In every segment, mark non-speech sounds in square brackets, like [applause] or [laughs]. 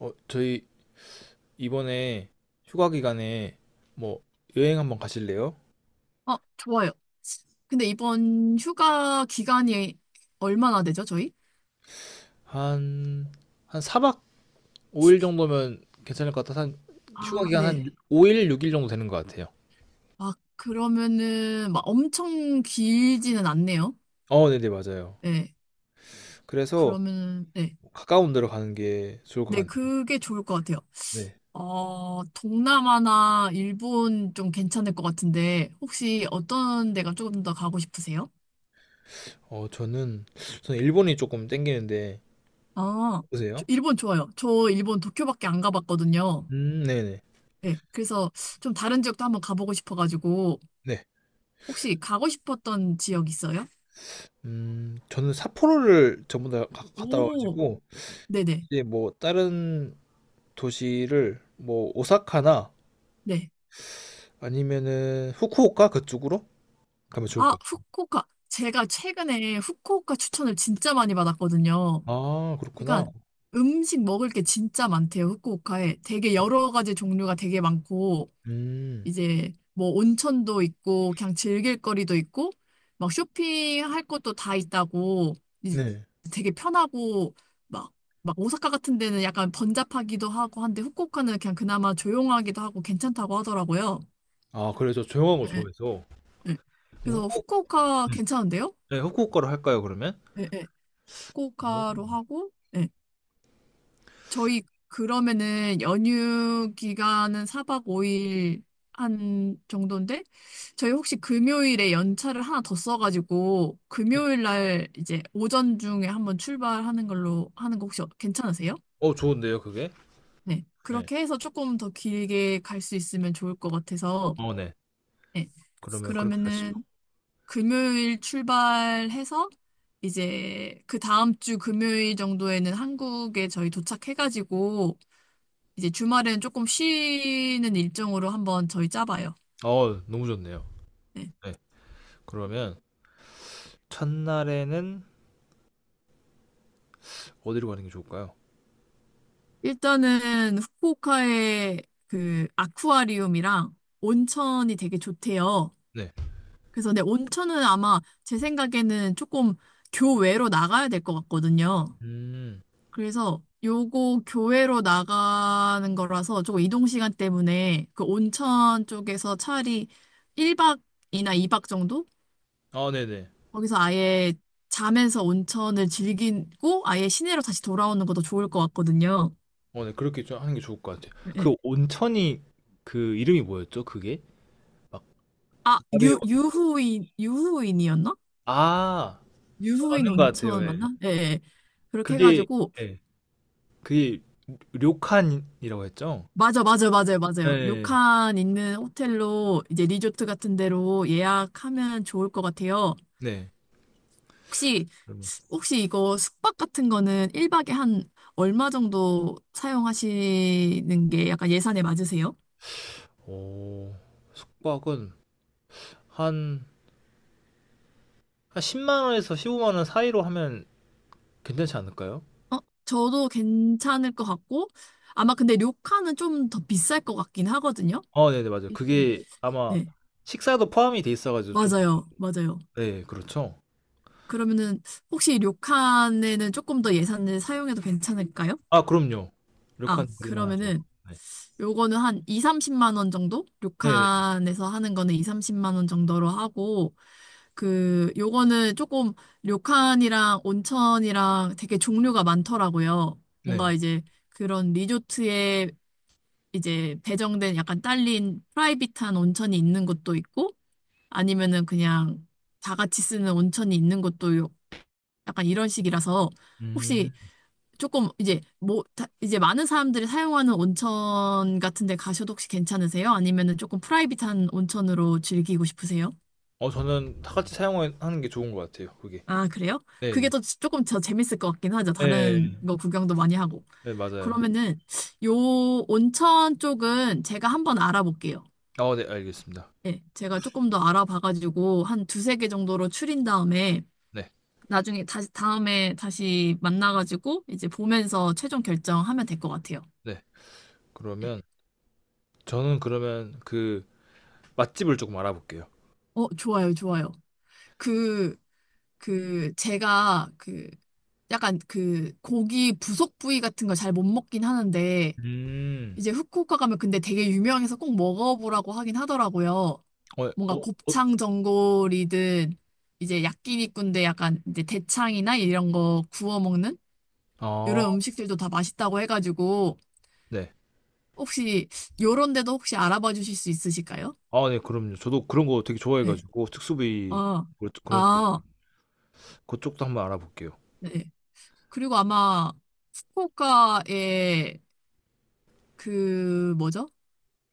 저희 이번에 휴가 기간에 뭐 여행 한번 가실래요? 아, 좋아요. 근데 이번 휴가 기간이 얼마나 되죠, 저희? 한, 한 4박 5일 정도면 괜찮을 것 같아서 한 휴가 아, 기간 한 네. 5일, 6일 정도 되는 것 같아요. 아, 그러면은, 막 엄청 길지는 않네요. 네네, 맞아요. 네. 그래서 그러면은, 네. 가까운 데로 가는 게 좋을 것 네, 같네요. 그게 좋을 것 같아요. 네. 어, 동남아나 일본 좀 괜찮을 것 같은데, 혹시 어떤 데가 조금 더 가고 싶으세요? 어, 저는, 저는 일본이 조금 땡기는데, 아, 저 보세요. 일본 좋아요. 저 일본 도쿄밖에 안 가봤거든요. 네네. 네. 그래서 좀 다른 지역도 한번 가보고 싶어가지고, 네. 혹시 가고 싶었던 지역 있어요? 저는 삿포로를 전부 다 갔다 오, 와가지고, 네네, 이제 뭐 다른 도시를 뭐 오사카나 네. 아니면은 후쿠오카 그쪽으로 가면 좋을 아, 것 같아요. 후쿠오카. 제가 최근에 후쿠오카 추천을 진짜 많이 받았거든요. 아, 그렇구나. 그러니까 음식 먹을 게 진짜 많대요, 후쿠오카에. 되게 여러 가지 종류가 되게 많고, 음. 이제 뭐 온천도 있고, 그냥 즐길 거리도 있고, 막 쇼핑할 것도 다 있다고, 이제 네. 되게 편하고, 막, 막 오사카 같은 데는 약간 번잡하기도 하고 한데, 후쿠오카는 그냥 그나마 조용하기도 하고 괜찮다고 하더라고요. 아, 그래 저 조용한 거 예, 예. 좋아해서 네. 그럼 그래서 후쿠 후쿠오카 음. 괜찮은데요? 네, 후쿠오카로 할까요, 그러면? 네, 네. 어, 후쿠오카로 하고, 네. 저희 그러면은 연휴 기간은 4박 5일 한 정도인데, 저희 혹시 금요일에 연차를 하나 더 써가지고, 금요일 날 이제 오전 중에 한번 출발하는 걸로 하는 거 혹시 괜찮으세요? 좋은데요, 그게? 네. 네. 그렇게 해서 조금 더 길게 갈 수 있으면 좋을 것 같아서, 네. 네. 그러면 그렇게 가시죠. 그러면은 금요일 출발해서 이제 그 다음 주 금요일 정도에는 한국에 저희 도착해가지고 이제 주말에는 조금 쉬는 일정으로 한번 저희 짜봐요. 너무 좋네요. 네. 네. 그러면 첫날에는 어디로 가는 게 좋을까요? 일단은 후쿠오카의 그 아쿠아리움이랑 온천이 되게 좋대요. 네. 그래서 네, 온천은 아마 제 생각에는 조금 교외로 나가야 될 것 같거든요. 음. 그래서 요거 교외로 나가는 거라서 조금 이동 시간 때문에 그 온천 쪽에서 차라리 1박이나 2박 정도? 아, 네네. 거기서 아예 자면서 온천을 즐기고 아예 시내로 다시 돌아오는 것도 좋을 것 같거든요. 네. 그렇게 좀 하는 게 좋을 것 같아요. 예. 그 온천이 그 이름이 뭐였죠? 그게? 막 아, 아베 온- 유후인, 유후인이었나? 아, 유후인 맞는 것 같아요. 온천 예. 맞나? 예. 예. 그렇게 그게 해가지고, 예. 그게 료칸이라고 했죠? 맞아, 맞아, 맞아요, 맞아요. 네. 료칸 있는 호텔로 이제 리조트 같은 데로 예약하면 좋을 것 같아요. 네. 혹시 그러면 혹시 이거 숙박 같은 거는 1박에 한 얼마 정도 사용하시는 게 약간 예산에 맞으세요? 오, 숙박은 한, 한 10만 원에서 15만 원 사이로 하면 괜찮지 않을까요? 어? 저도 괜찮을 것 같고 아마 근데 료칸은 좀 더 비쌀 것 같긴 하거든요. 네네, 맞아요. 이게- 그게 아마 네, 식사도 포함이 돼 있어가지고 좀, 맞아요. 맞아요. 네, 그렇죠. 그러면은 혹시 료칸에는 조금 더 예산을 사용해도 괜찮을까요? 아, 그럼요. 아, 료칸 그럴만 하죠. 그러면은 네. 요거는 한 2, 30만 원 정도? 네네, 료칸에서 하는 거는 2, 30만 원 정도로 하고, 그, 요거는 조금 료칸이랑 온천이랑 되게 종류가 많더라고요. 뭔가 네. 이제 그런 리조트에 이제 배정된 약간 딸린 프라이빗한 온천이 있는 곳도 있고, 아니면은 그냥 다 같이 쓰는 온천이 있는 곳도 약간 이런 식이라서, 혹시 음, 조금 이제 뭐 이제 많은 사람들이 사용하는 온천 같은 데 가셔도 혹시 괜찮으세요? 아니면은 조금 프라이빗한 온천으로 즐기고 싶으세요? 저는 다 같이 사용하는 게 좋은 것 같아요, 그게. 아, 그래요? 네네. 조금 더 재밌을 것 같긴 하죠. 네, 네, 다른 거 구경도 많이 하고. 네, 맞아요. 그러면은 요 온천 쪽은 제가 한번 알아볼게요. 네, 알겠습니다. 예, 제가 조금 더 알아봐가지고 한 두세 개 정도로 추린 다음에 네, 나중에 다시 다음에 다시 만나가지고 이제 보면서 최종 결정하면 될 것 같아요. 네. 예. 그러면 저는 그러면 그 맛집을 조금 알아볼게요. 어, 좋아요, 좋아요. 그 제가 약간 고기 부속 부위 같은 걸 잘 못 먹긴 하는데 음, 이제 후쿠오카 가면 근데 되게 유명해서 꼭 먹어보라고 하긴 하더라고요. 어, 뭔가 어, 어, 곱창 전골이든 이제 야끼니꾼데 약간 이제 대창이나 이런 거 구워 먹는 아, 이런 음식들도 다 맛있다고 해가지고 네. 혹시 요런 데도 혹시 알아봐 주실 수 있으실까요? 아, 네, 그럼요. 저도 그런 거 되게 네. 좋아해가지고, 특수부위, 아, 그런 쪽, 아, 그쪽도 한번 알아볼게요. 네. 그리고 아마 후쿠오카에 그 뭐죠?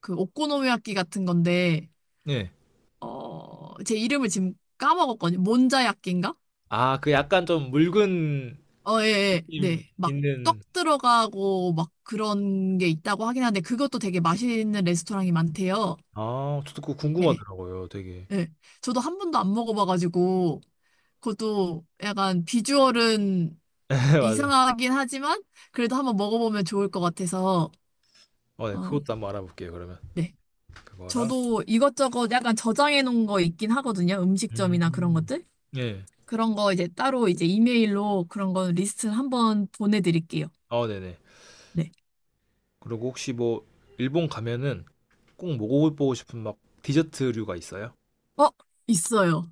그 오코노미야끼 같은 건데 네. 어, 제 이름을 지금 까먹었거든요. 몬자야끼인가? 아, 그 약간 좀 묽은 어, 예, 예, 느낌 네. 막 떡 있는, 들어가고 막 그런 게 있다고 하긴 하는데 그것도 되게 맛있는 레스토랑이 많대요. 아, 저도 그거 예, 궁금하더라고요, 되게. 예. 저도 한 번도 안 먹어봐가지고 그것도 약간 비주얼은 [laughs] 네, 맞아요. 이상하긴 하지만 그래도 한번 먹어보면 좋을 것 같아서 네, 어, 그것도 한번 알아볼게요, 그러면. 네. 그거랑. 저도 이것저것 약간 저장해 놓은 거 있긴 하거든요. 음식점이나 그런 음. 것들. 예. 그런 거 이제 따로 이제 이메일로 그런 거 리스트 한번 보내드릴게요. 네네. 네. 그리고 혹시 뭐, 일본 가면은 꼭 먹어보고 싶은 막 디저트류가 있어요? 어, 있어요.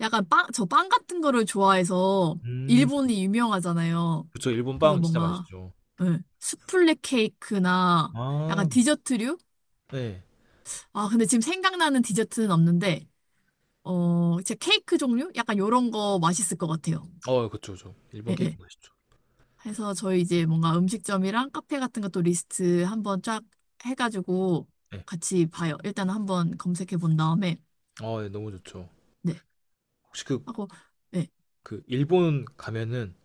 약간 빵, 저 빵 같은 거를 좋아해서 음. 일본이 유명하잖아요. 그쵸. 일본 그래서 빵 진짜 뭔가, 맛있죠. 예, 수플레 케이크나 약간 아. 디저트류? 네. 아, 근데 지금 생각나는 디저트는 없는데, 어, 진짜 케이크 종류? 약간 요런 거 맛있을 것 같아요. 그쵸, 그쵸. 일본 예, 케이크 예. 맛있죠. 해서 저희 이제 뭔가 음식점이랑 카페 같은 것도 리스트 한번 쫙 해가지고 네. 같이 봐요. 일단 한번 검색해 본 다음에 예, 너무 좋죠. 네 혹시 그 하고 네. 그 일본 가면은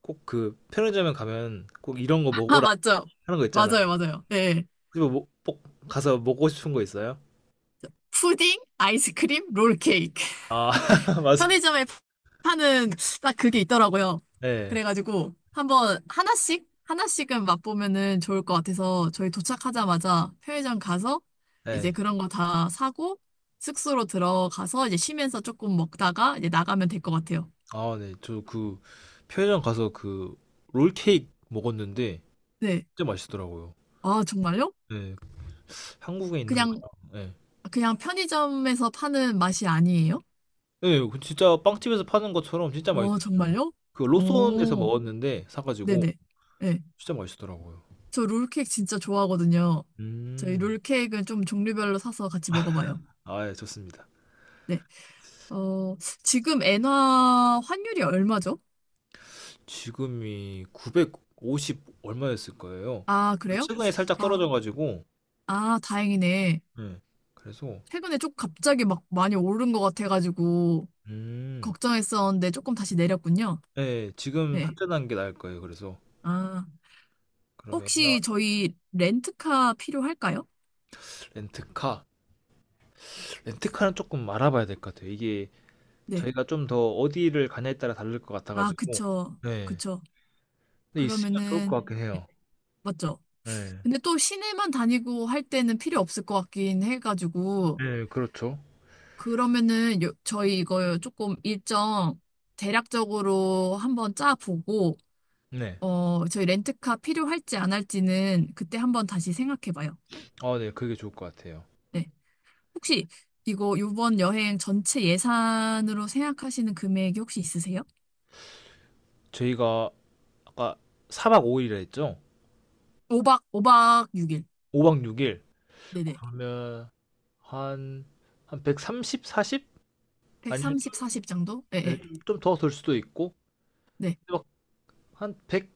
꼭 그 편의점에 가면 꼭 "이런 거 [laughs] 아 먹어라." 맞죠? 하는 거 있잖아요. 맞아요, 맞아요. 네. 그거 뭐 뭐, 꼭 가서 먹고 싶은 거 있어요? 푸딩, 아이스크림, 롤케이크. 아 [laughs] 맞아. 편의점에 파는 딱 그게 있더라고요. 예. 그래가지고 한번 하나씩 하나씩은 맛보면은 좋을 것 같아서 저희 도착하자마자 편의점 가서 이제 예. 그런 거 다 사고 숙소로 들어가서 이제 쉬면서 조금 먹다가 이제 나가면 될 것 같아요. 아 네. 저 그 편의점 가서 그 롤케이크 먹었는데 네. 진짜 맛있더라고요. 아, 정말요? 예. 한국에 있는 그냥 거랑 예. 그냥 편의점에서 파는 맛이 아니에요? 예. 그 진짜 빵집에서 파는 것처럼 진짜 어, 맛있었어요. 정말요? 그 로손에서 오, 먹었는데 사 가지고 네네. 네. 진짜 맛있더라고요. 저 롤케이크 진짜 좋아하거든요. 저희 음. 롤케이크는 좀 종류별로 사서 같이 먹어봐요. 아 예 좋습니다. 네. 어, 지금 엔화 환율이 얼마죠? 지금이 950 얼마였을 거예요. 아, 그 그래요? 최근에 살짝 아, 떨어져 가지고 아, 다행이네. 예. 그래서 최근에 좀 갑자기 막 많이 오른 것 같아가지고 음. 걱정했었는데 조금 다시 내렸군요. 예. 지금 네. 환전한 게 나을 거예요 그래서. 아, 그러면 혹시 저희 렌트카 필요할까요? 렌트카. 렌트카는 쪼끔 알아봐야 될 것 같아요. 이게 네. 저희가 좀 더 어디를 가냐에 따라 다를 것 같아 아, 가지고. 그쵸. 네. 그쵸. 근데 있으면 좋을 그러면은, 것 같긴 네, 해요. 맞죠? 예. 근데 또 시내만 다니고 할 때는 필요 없을 것 같긴 해가지고, 예 그렇죠. 그러면은 요, 저희 이거 조금 일정 대략적으로 한번 짜보고, 네. 어, 저희 렌트카 필요할지 안 할지는 그때 한번 다시 생각해봐요. 아 네 그게 좋을 것 같아요. 네. 혹시 이거 이번 여행 전체 예산으로 생각하시는 금액이 혹시 있으세요? 저희가 아까 4박 5일이라 했죠? 5박, 오박 6일. 5박 6일. 네네. 그러면 한, 한 130, 40? 아니면 130, 40 정도? 예, 네, 예. 좀더 될 수도 있고, 네. 막 한1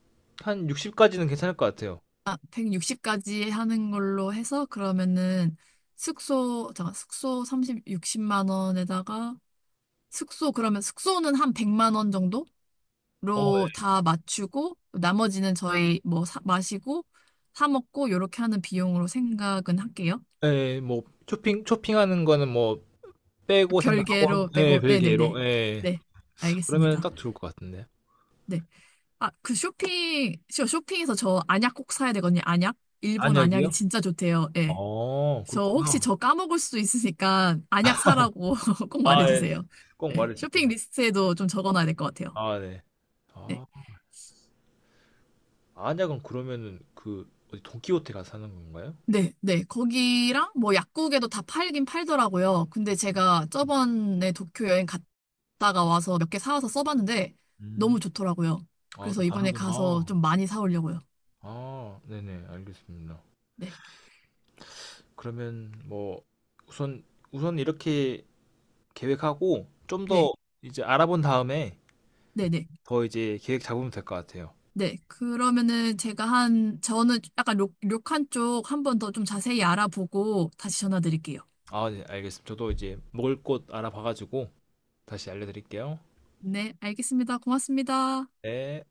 한 60까지는 괜찮을 것 같아요. 아, 160까지 하는 걸로 해서 그러면은 숙소, 잠깐, 숙소 삼십 60만 원에다가 숙소, 그러면 숙소는 한 100만 원 정도로 어, 다 맞추고, 나머지는 저희 뭐 사, 마시고, 사 먹고, 요렇게 하는 비용으로 생각은 할게요. 예, 예, 뭐, 쇼핑하는 거는 뭐, 빼고 별개로 생각하고, 네 내고, 네네네. 별개로, 예. 네, 그러면 알겠습니다. 딱 좋을 것 같은데. 네. 아, 그 쇼핑, 쇼핑에서 저 안약 꼭 사야 되거든요. 안약? 일본 안약이 안약이요? 진짜 좋대요. 예. 저 혹시 그렇구나. 저 까먹을 수도 있으니까 안약 사라고 [laughs] 꼭 아, 예. 말해주세요. 꼭 네. 쇼핑 말해줄게요. 리스트에도 좀 적어놔야 될 것 같아요. 아, 네. 네. 아, 안약은 그러면은 그, 어디 돈키호테 가서 사는 건가요? 네, 네. 거기랑 뭐 약국에도 다 팔긴 팔더라고요. 근데 제가 저번에 도쿄 여행 갔다가 와서 몇 개 사와서 써봤는데 너무 좋더라고요. 아, 또 그래서 이번에 다르구나. 가서 좀 많이 사오려고요. 아, 네네, 알겠습니다. 네, 그러면 뭐 우선 우선 이렇게 계획하고 좀 더 네, 이제 알아본 다음에 네, 네. 더 이제 계획 잡으면 될 것 같아요. 네. 그러면은 제가 한, 저는 약간 료칸 쪽 한번 더 좀 자세히 알아보고 다시 전화 드릴게요. 아, 네, 알겠습니다. 저도 이제 먹을 곳 알아봐가지고 다시 알려드릴게요. 네, 알겠습니다. 고맙습니다. 네.